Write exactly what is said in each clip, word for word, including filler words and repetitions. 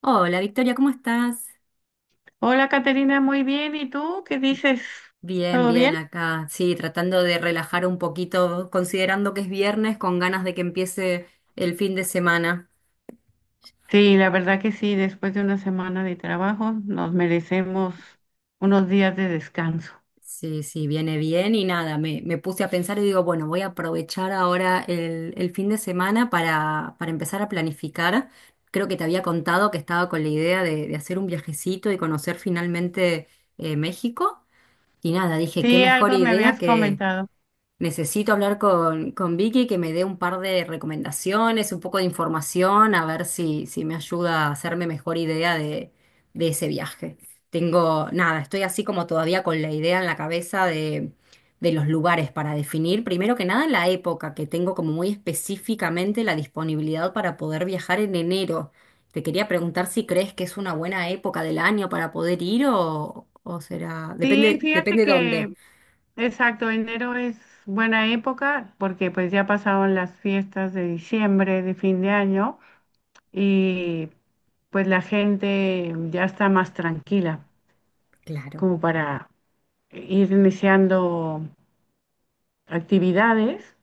Hola Victoria, ¿cómo estás? Hola, Caterina, muy bien. ¿Y tú qué dices? Bien, ¿Todo bien? bien acá. Sí, tratando de relajar un poquito, considerando que es viernes, con ganas de que empiece el fin de semana. Sí, la verdad que sí, después de una semana de trabajo nos merecemos unos días de descanso. Sí, sí, viene bien y nada, me, me puse a pensar y digo, bueno, voy a aprovechar ahora el, el fin de semana para, para empezar a planificar. Creo que te había contado que estaba con la idea de, de hacer un viajecito y conocer finalmente eh, México. Y nada, dije, qué Sí, mejor algo me idea habías que comentado. necesito hablar con, con Vicky que me dé un par de recomendaciones, un poco de información, a ver si, si me ayuda a hacerme mejor idea de, de ese viaje. Tengo, nada, estoy así como todavía con la idea en la cabeza de, de los lugares para definir, primero que nada la época, que tengo como muy específicamente la disponibilidad para poder viajar en enero. Te quería preguntar si crees que es una buena época del año para poder ir o, o será, Sí, depende, fíjate depende dónde. que, exacto, enero es buena época porque pues ya pasaron las fiestas de diciembre, de fin de año y pues la gente ya está más tranquila Claro. como para ir iniciando actividades.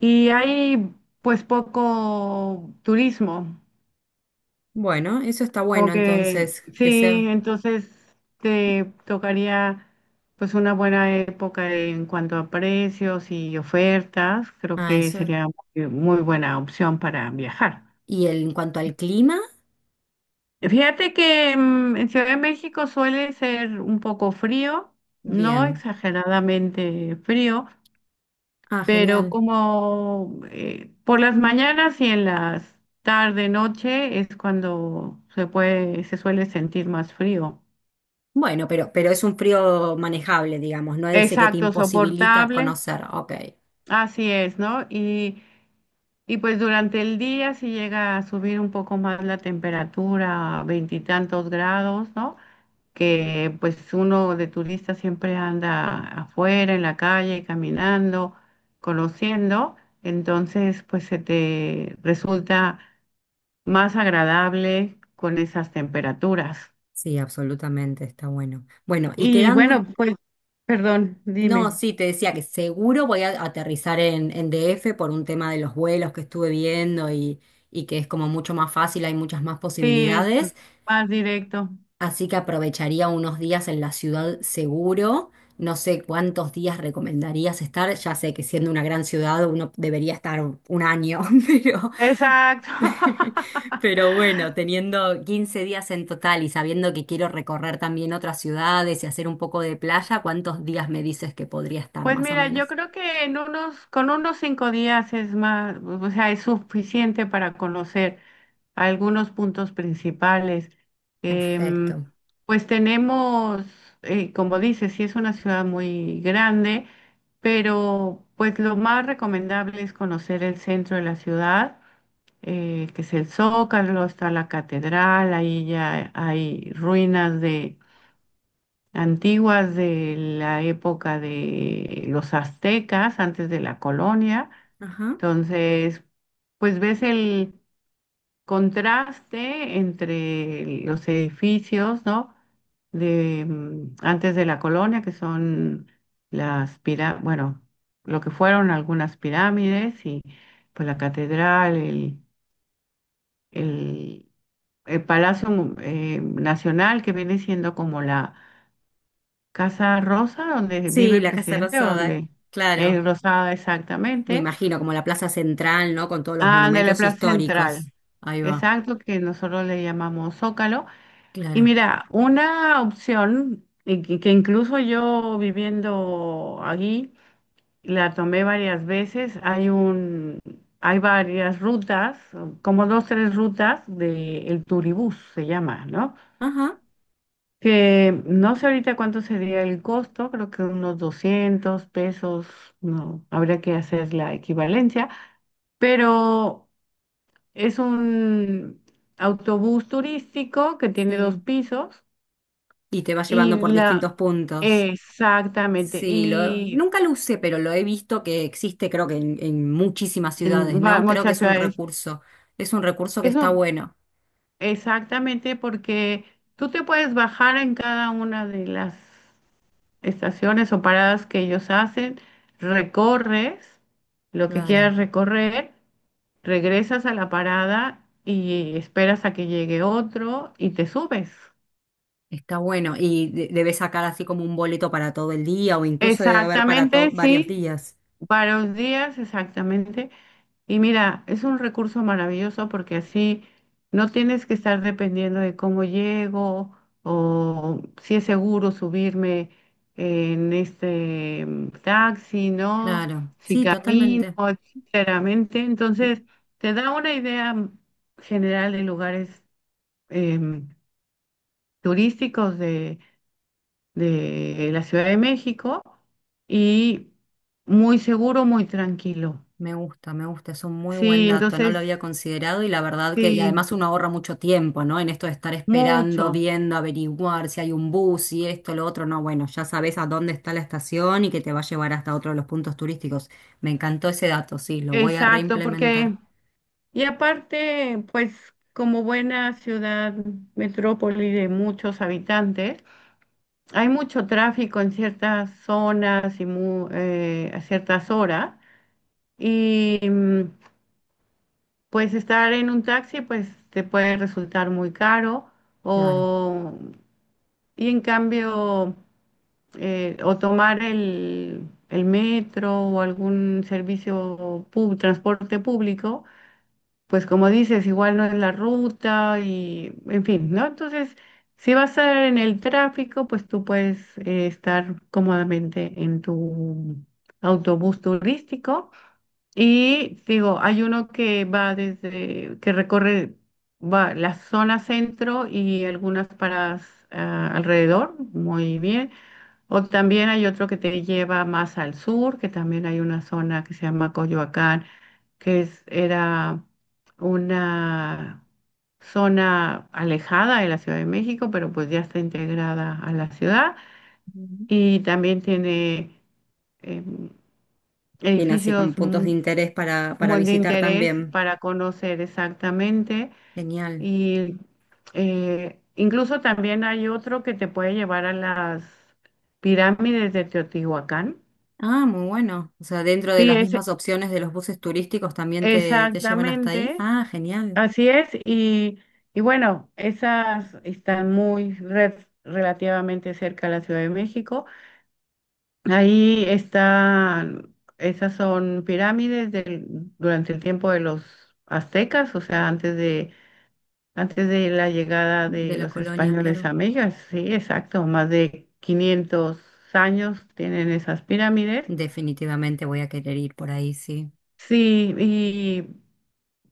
Y hay pues poco turismo, Bueno, eso está como bueno que entonces, que sí, sea. entonces te tocaría pues una buena época en cuanto a precios y ofertas, creo Ah, que eso. sería muy, muy buena opción para viajar. Y el- en cuanto al clima, Fíjate que mm, en Ciudad de México suele ser un poco frío, no bien. exageradamente frío, Ah, pero genial. como eh, por las mañanas y en las tarde, noche es cuando se puede, se suele sentir más frío. Bueno, pero, pero es un frío manejable, digamos, no es ese que te Exacto, imposibilita soportable, conocer. Ok. así es, ¿no? Y, y pues durante el día si llega a subir un poco más la temperatura, a veintitantos grados, ¿no? Que pues uno de turista siempre anda afuera, en la calle, caminando, conociendo, entonces pues se te resulta más agradable con esas temperaturas. Sí, absolutamente, está bueno. Bueno, y Y quedando. bueno, pues, perdón, No, dime. sí, te decía que seguro voy a aterrizar en, en D F por un tema de los vuelos que estuve viendo y, y que es como mucho más fácil, hay muchas más Sí, es posibilidades. más directo. Así que aprovecharía unos días en la ciudad seguro. No sé cuántos días recomendarías estar. Ya sé que siendo una gran ciudad uno debería estar un año, pero, Exacto. pero bueno, teniendo quince días en total y sabiendo que quiero recorrer también otras ciudades y hacer un poco de playa, ¿cuántos días me dices que podría estar Pues más o mira, yo menos? creo que en unos, con unos cinco días es más, o sea, es suficiente para conocer algunos puntos principales. Em, Perfecto. pues tenemos, eh, como dices, sí es una ciudad muy grande, pero pues lo más recomendable es conocer el centro de la ciudad, eh, que es el Zócalo, está la catedral, ahí ya hay ruinas de antiguas de la época de los aztecas, antes de la colonia. Ajá. Entonces, pues ves el contraste entre los edificios, ¿no? De mm, antes de la colonia, que son las pirámides, bueno, lo que fueron algunas pirámides y pues la catedral, el, el, el Palacio Mu- eh, Nacional, que viene siendo como la Casa Rosa, donde vive Sí, el la Casa presidente, o Rosada, donde es claro. rosada Me exactamente. imagino como la plaza central, ¿no? Con todos los Ah, de la monumentos Plaza históricos. Central, Ahí va. exacto, que nosotros le llamamos Zócalo. Y Claro. mira, una opción y que que incluso yo viviendo allí la tomé varias veces, hay un, hay varias rutas, como dos, tres rutas de el Turibús se llama, ¿no? Ajá, Que no sé ahorita cuánto sería el costo, creo que unos doscientos pesos, no, habría que hacer la equivalencia, pero es un autobús turístico que tiene dos sí. pisos. Y te va Y llevando por la, distintos puntos. Exactamente, Sí, lo, y nunca lo usé, pero lo he visto que existe, creo que en, en muchísimas ciudades, en va- ¿no? Creo que muchas es un ciudades, recurso. Es un recurso que está eso bueno. exactamente porque tú te puedes bajar en cada una de las estaciones o paradas que ellos hacen, recorres lo que Claro, quieras recorrer, regresas a la parada y esperas a que llegue otro y te subes. está bueno. Y de- debes sacar así como un boleto para todo el día o incluso debe haber para to- Exactamente, varios sí, días. varios días, exactamente. Y mira, es un recurso maravilloso porque así no tienes que estar dependiendo de cómo llego o si es seguro subirme en este mm, taxi, ¿no? Claro, Si sí, camino, totalmente. sinceramente. Entonces, te da una idea mm, general de lugares em, turísticos de, de la Ciudad de México y muy seguro, muy tranquilo. Me gusta, me gusta, es un muy buen Sí, dato, no entonces, lo había considerado y la verdad que, y sí. además uno ahorra mucho tiempo, ¿no? En esto de estar esperando, Mucho, viendo, averiguar si hay un bus si esto, lo otro, no, bueno, ya sabes a dónde está la estación y que te va a llevar hasta otro de los puntos turísticos. Me encantó ese dato, sí, lo voy a exacto, porque, reimplementar, y aparte, pues como buena ciudad, metrópoli de muchos habitantes, hay mucho tráfico en ciertas zonas y mu- eh, a ciertas horas, y mm, pues estar en un taxi, pues te puede resultar muy caro, claro. o, y en cambio, eh, o tomar el, el metro o algún servicio, pub- transporte público pues como dices, igual no es la ruta y, en fin, ¿no? Entonces, si vas a estar en el tráfico, pues tú puedes eh, estar cómodamente en tu autobús turístico. Y digo, hay uno que va desde, que recorre va la zona centro y algunas paradas ah, alrededor, muy bien. O también hay otro que te lleva más al sur, que también hay una zona que se llama Coyoacán que es, era una zona alejada de la Ciudad de México, pero pues ya está integrada a la ciudad Ujú. y también tiene em, Tiene así como edificios puntos de mu- interés para, para muy de visitar interés también. para conocer exactamente Genial. y eh, incluso también hay otro que te puede llevar a las pirámides de Teotihuacán. Ah, muy bueno. O sea, dentro de Sí, las es mismas opciones de los buses turísticos también te, te llevan hasta ahí. exactamente. Ah, genial. Así es, y, y bueno, esas están muy re- relativamente cerca de la Ciudad de México. Ahí están, esas son pirámides del- durante el tiempo de los aztecas, o sea, antes de, antes de la llegada De de la los colonia, españoles claro. a México. Sí, exacto, más de quinientos años tienen esas pirámides. Definitivamente voy a querer ir por ahí, sí. Sí, y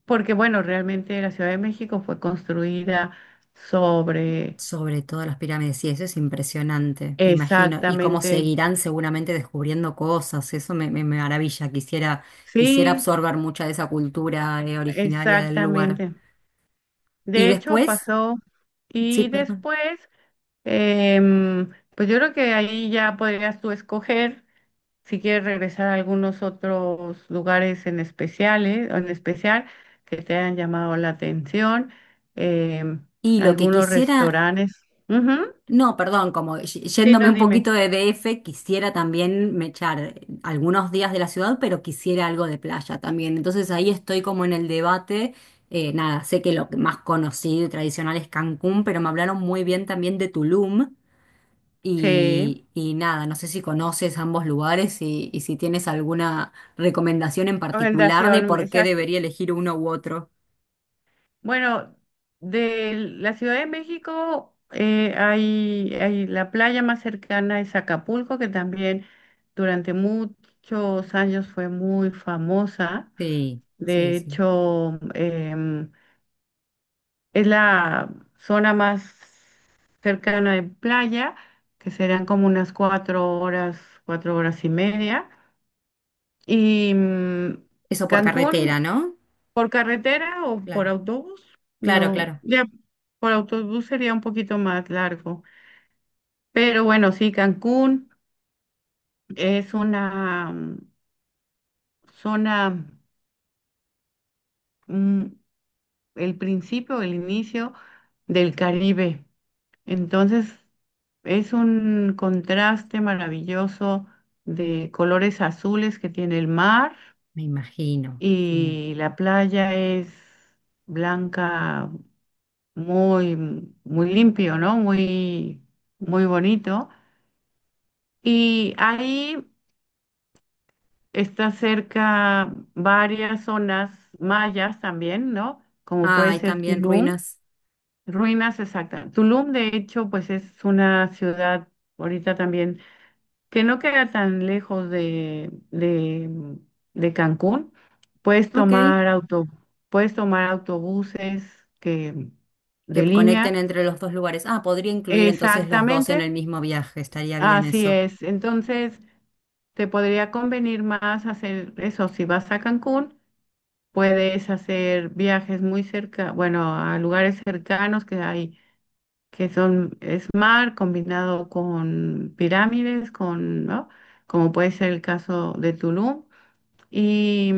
porque bueno, realmente la Ciudad de México fue construida sobre. Sobre todo las pirámides, sí, eso es impresionante, me imagino. Y cómo Exactamente, seguirán seguramente descubriendo cosas, eso me, me- me maravilla. Quisiera, quisiera sí, absorber mucha de esa cultura, eh, originaria del lugar. exactamente. Y De hecho, después, pasó sí, y perdón. después, em, pues yo creo que ahí ya podrías tú escoger si quieres regresar a algunos otros lugares en especiales, en especial que te hayan llamado la atención, em, Y lo que algunos quisiera restaurantes. Ujú. no, perdón, como y- Sí, yéndome no, un dime. poquito de D F, quisiera también me echar algunos días de la ciudad, pero quisiera algo de playa también. Entonces ahí estoy como en el debate. Eh, nada, sé que lo que más conocido y tradicional es Cancún, pero me hablaron muy bien también de Tulum. Sí, Y, y nada, no sé si conoces ambos lugares y, y si tienes alguna recomendación en particular de orientación, por qué exacto. debería elegir uno u otro. Bueno, de la Ciudad de México eh, hay, hay la playa más cercana es Acapulco, que también durante muchos años fue muy famosa. Sí, sí, De sí. hecho, em, es la zona más cercana de playa, que serán como unas cuatro horas, cuatro horas y media. Y mm, Eso por Cancún. carretera, ¿no? ¿Por carretera o por Claro, autobús? claro, No, claro. ya por autobús sería un poquito más largo. Pero bueno, sí, Cancún es una mm, zona, mm, el principio, el inicio del Caribe. Entonces, es un contraste maravilloso de colores azules que tiene el mar Me imagino, sí. y la playa es blanca muy, muy limpio, ¿no? Muy, muy bonito. Y ahí está cerca varias zonas mayas también, ¿no? Como Ah, puede hay ser también Tulum, ruinas. ruinas exactas. Tulum, de hecho, pues es una ciudad ahorita también que no queda tan lejos de, de, de Cancún. Puedes Ok, tomar auto, puedes tomar autobuses que, que de línea. conecten entre los dos lugares. Ah, podría incluir entonces los dos Exactamente. en el mismo viaje, estaría bien Así eso. es. Entonces, te podría convenir más hacer eso. Si vas a Cancún, puedes hacer viajes muy cerca, bueno, a lugares cercanos que hay, que son, es mar combinado con pirámides, con, ¿no? Como puede ser el caso de Tulum. Y,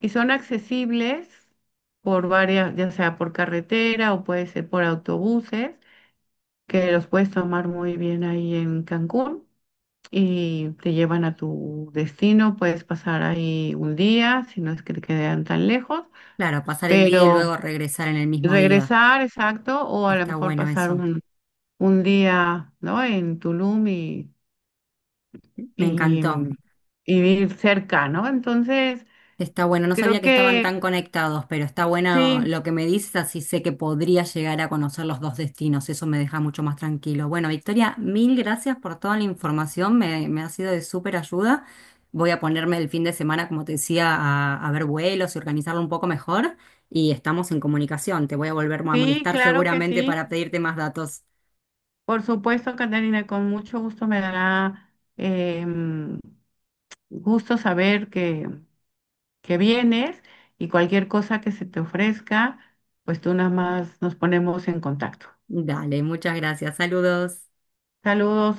y son accesibles por varias, ya sea por carretera o puede ser por autobuses, que los puedes tomar muy bien ahí en Cancún. Y te llevan a tu destino. Puedes pasar ahí un día, si no es que te quedan tan lejos, Claro, pasar el día y pero luego regresar en el mismo día. regresar, exacto, o a lo Está mejor bueno pasar eso. un, un día, ¿no? En Tulum y, Me y, encantó. mm, y ir cerca, ¿no? Entonces, Está bueno, no creo sabía que estaban que tan conectados, pero está bueno sí, lo que me dices, así sé que podría llegar a conocer los dos destinos, eso me deja mucho más tranquilo. Bueno, Victoria, mil gracias por toda la información, me, me ha sido de súper ayuda. Voy a ponerme el fin de semana, como te decía, a, a ver vuelos y organizarlo un poco mejor y estamos en comunicación, te voy a volver a sí, molestar claro que seguramente sí. para pedirte más datos. Por supuesto, Catarina, con mucho gusto me dará em, gusto saber que, que vienes y cualquier cosa que se te ofrezca, pues tú nada más nos ponemos en contacto. Dale, muchas gracias, saludos. Saludos.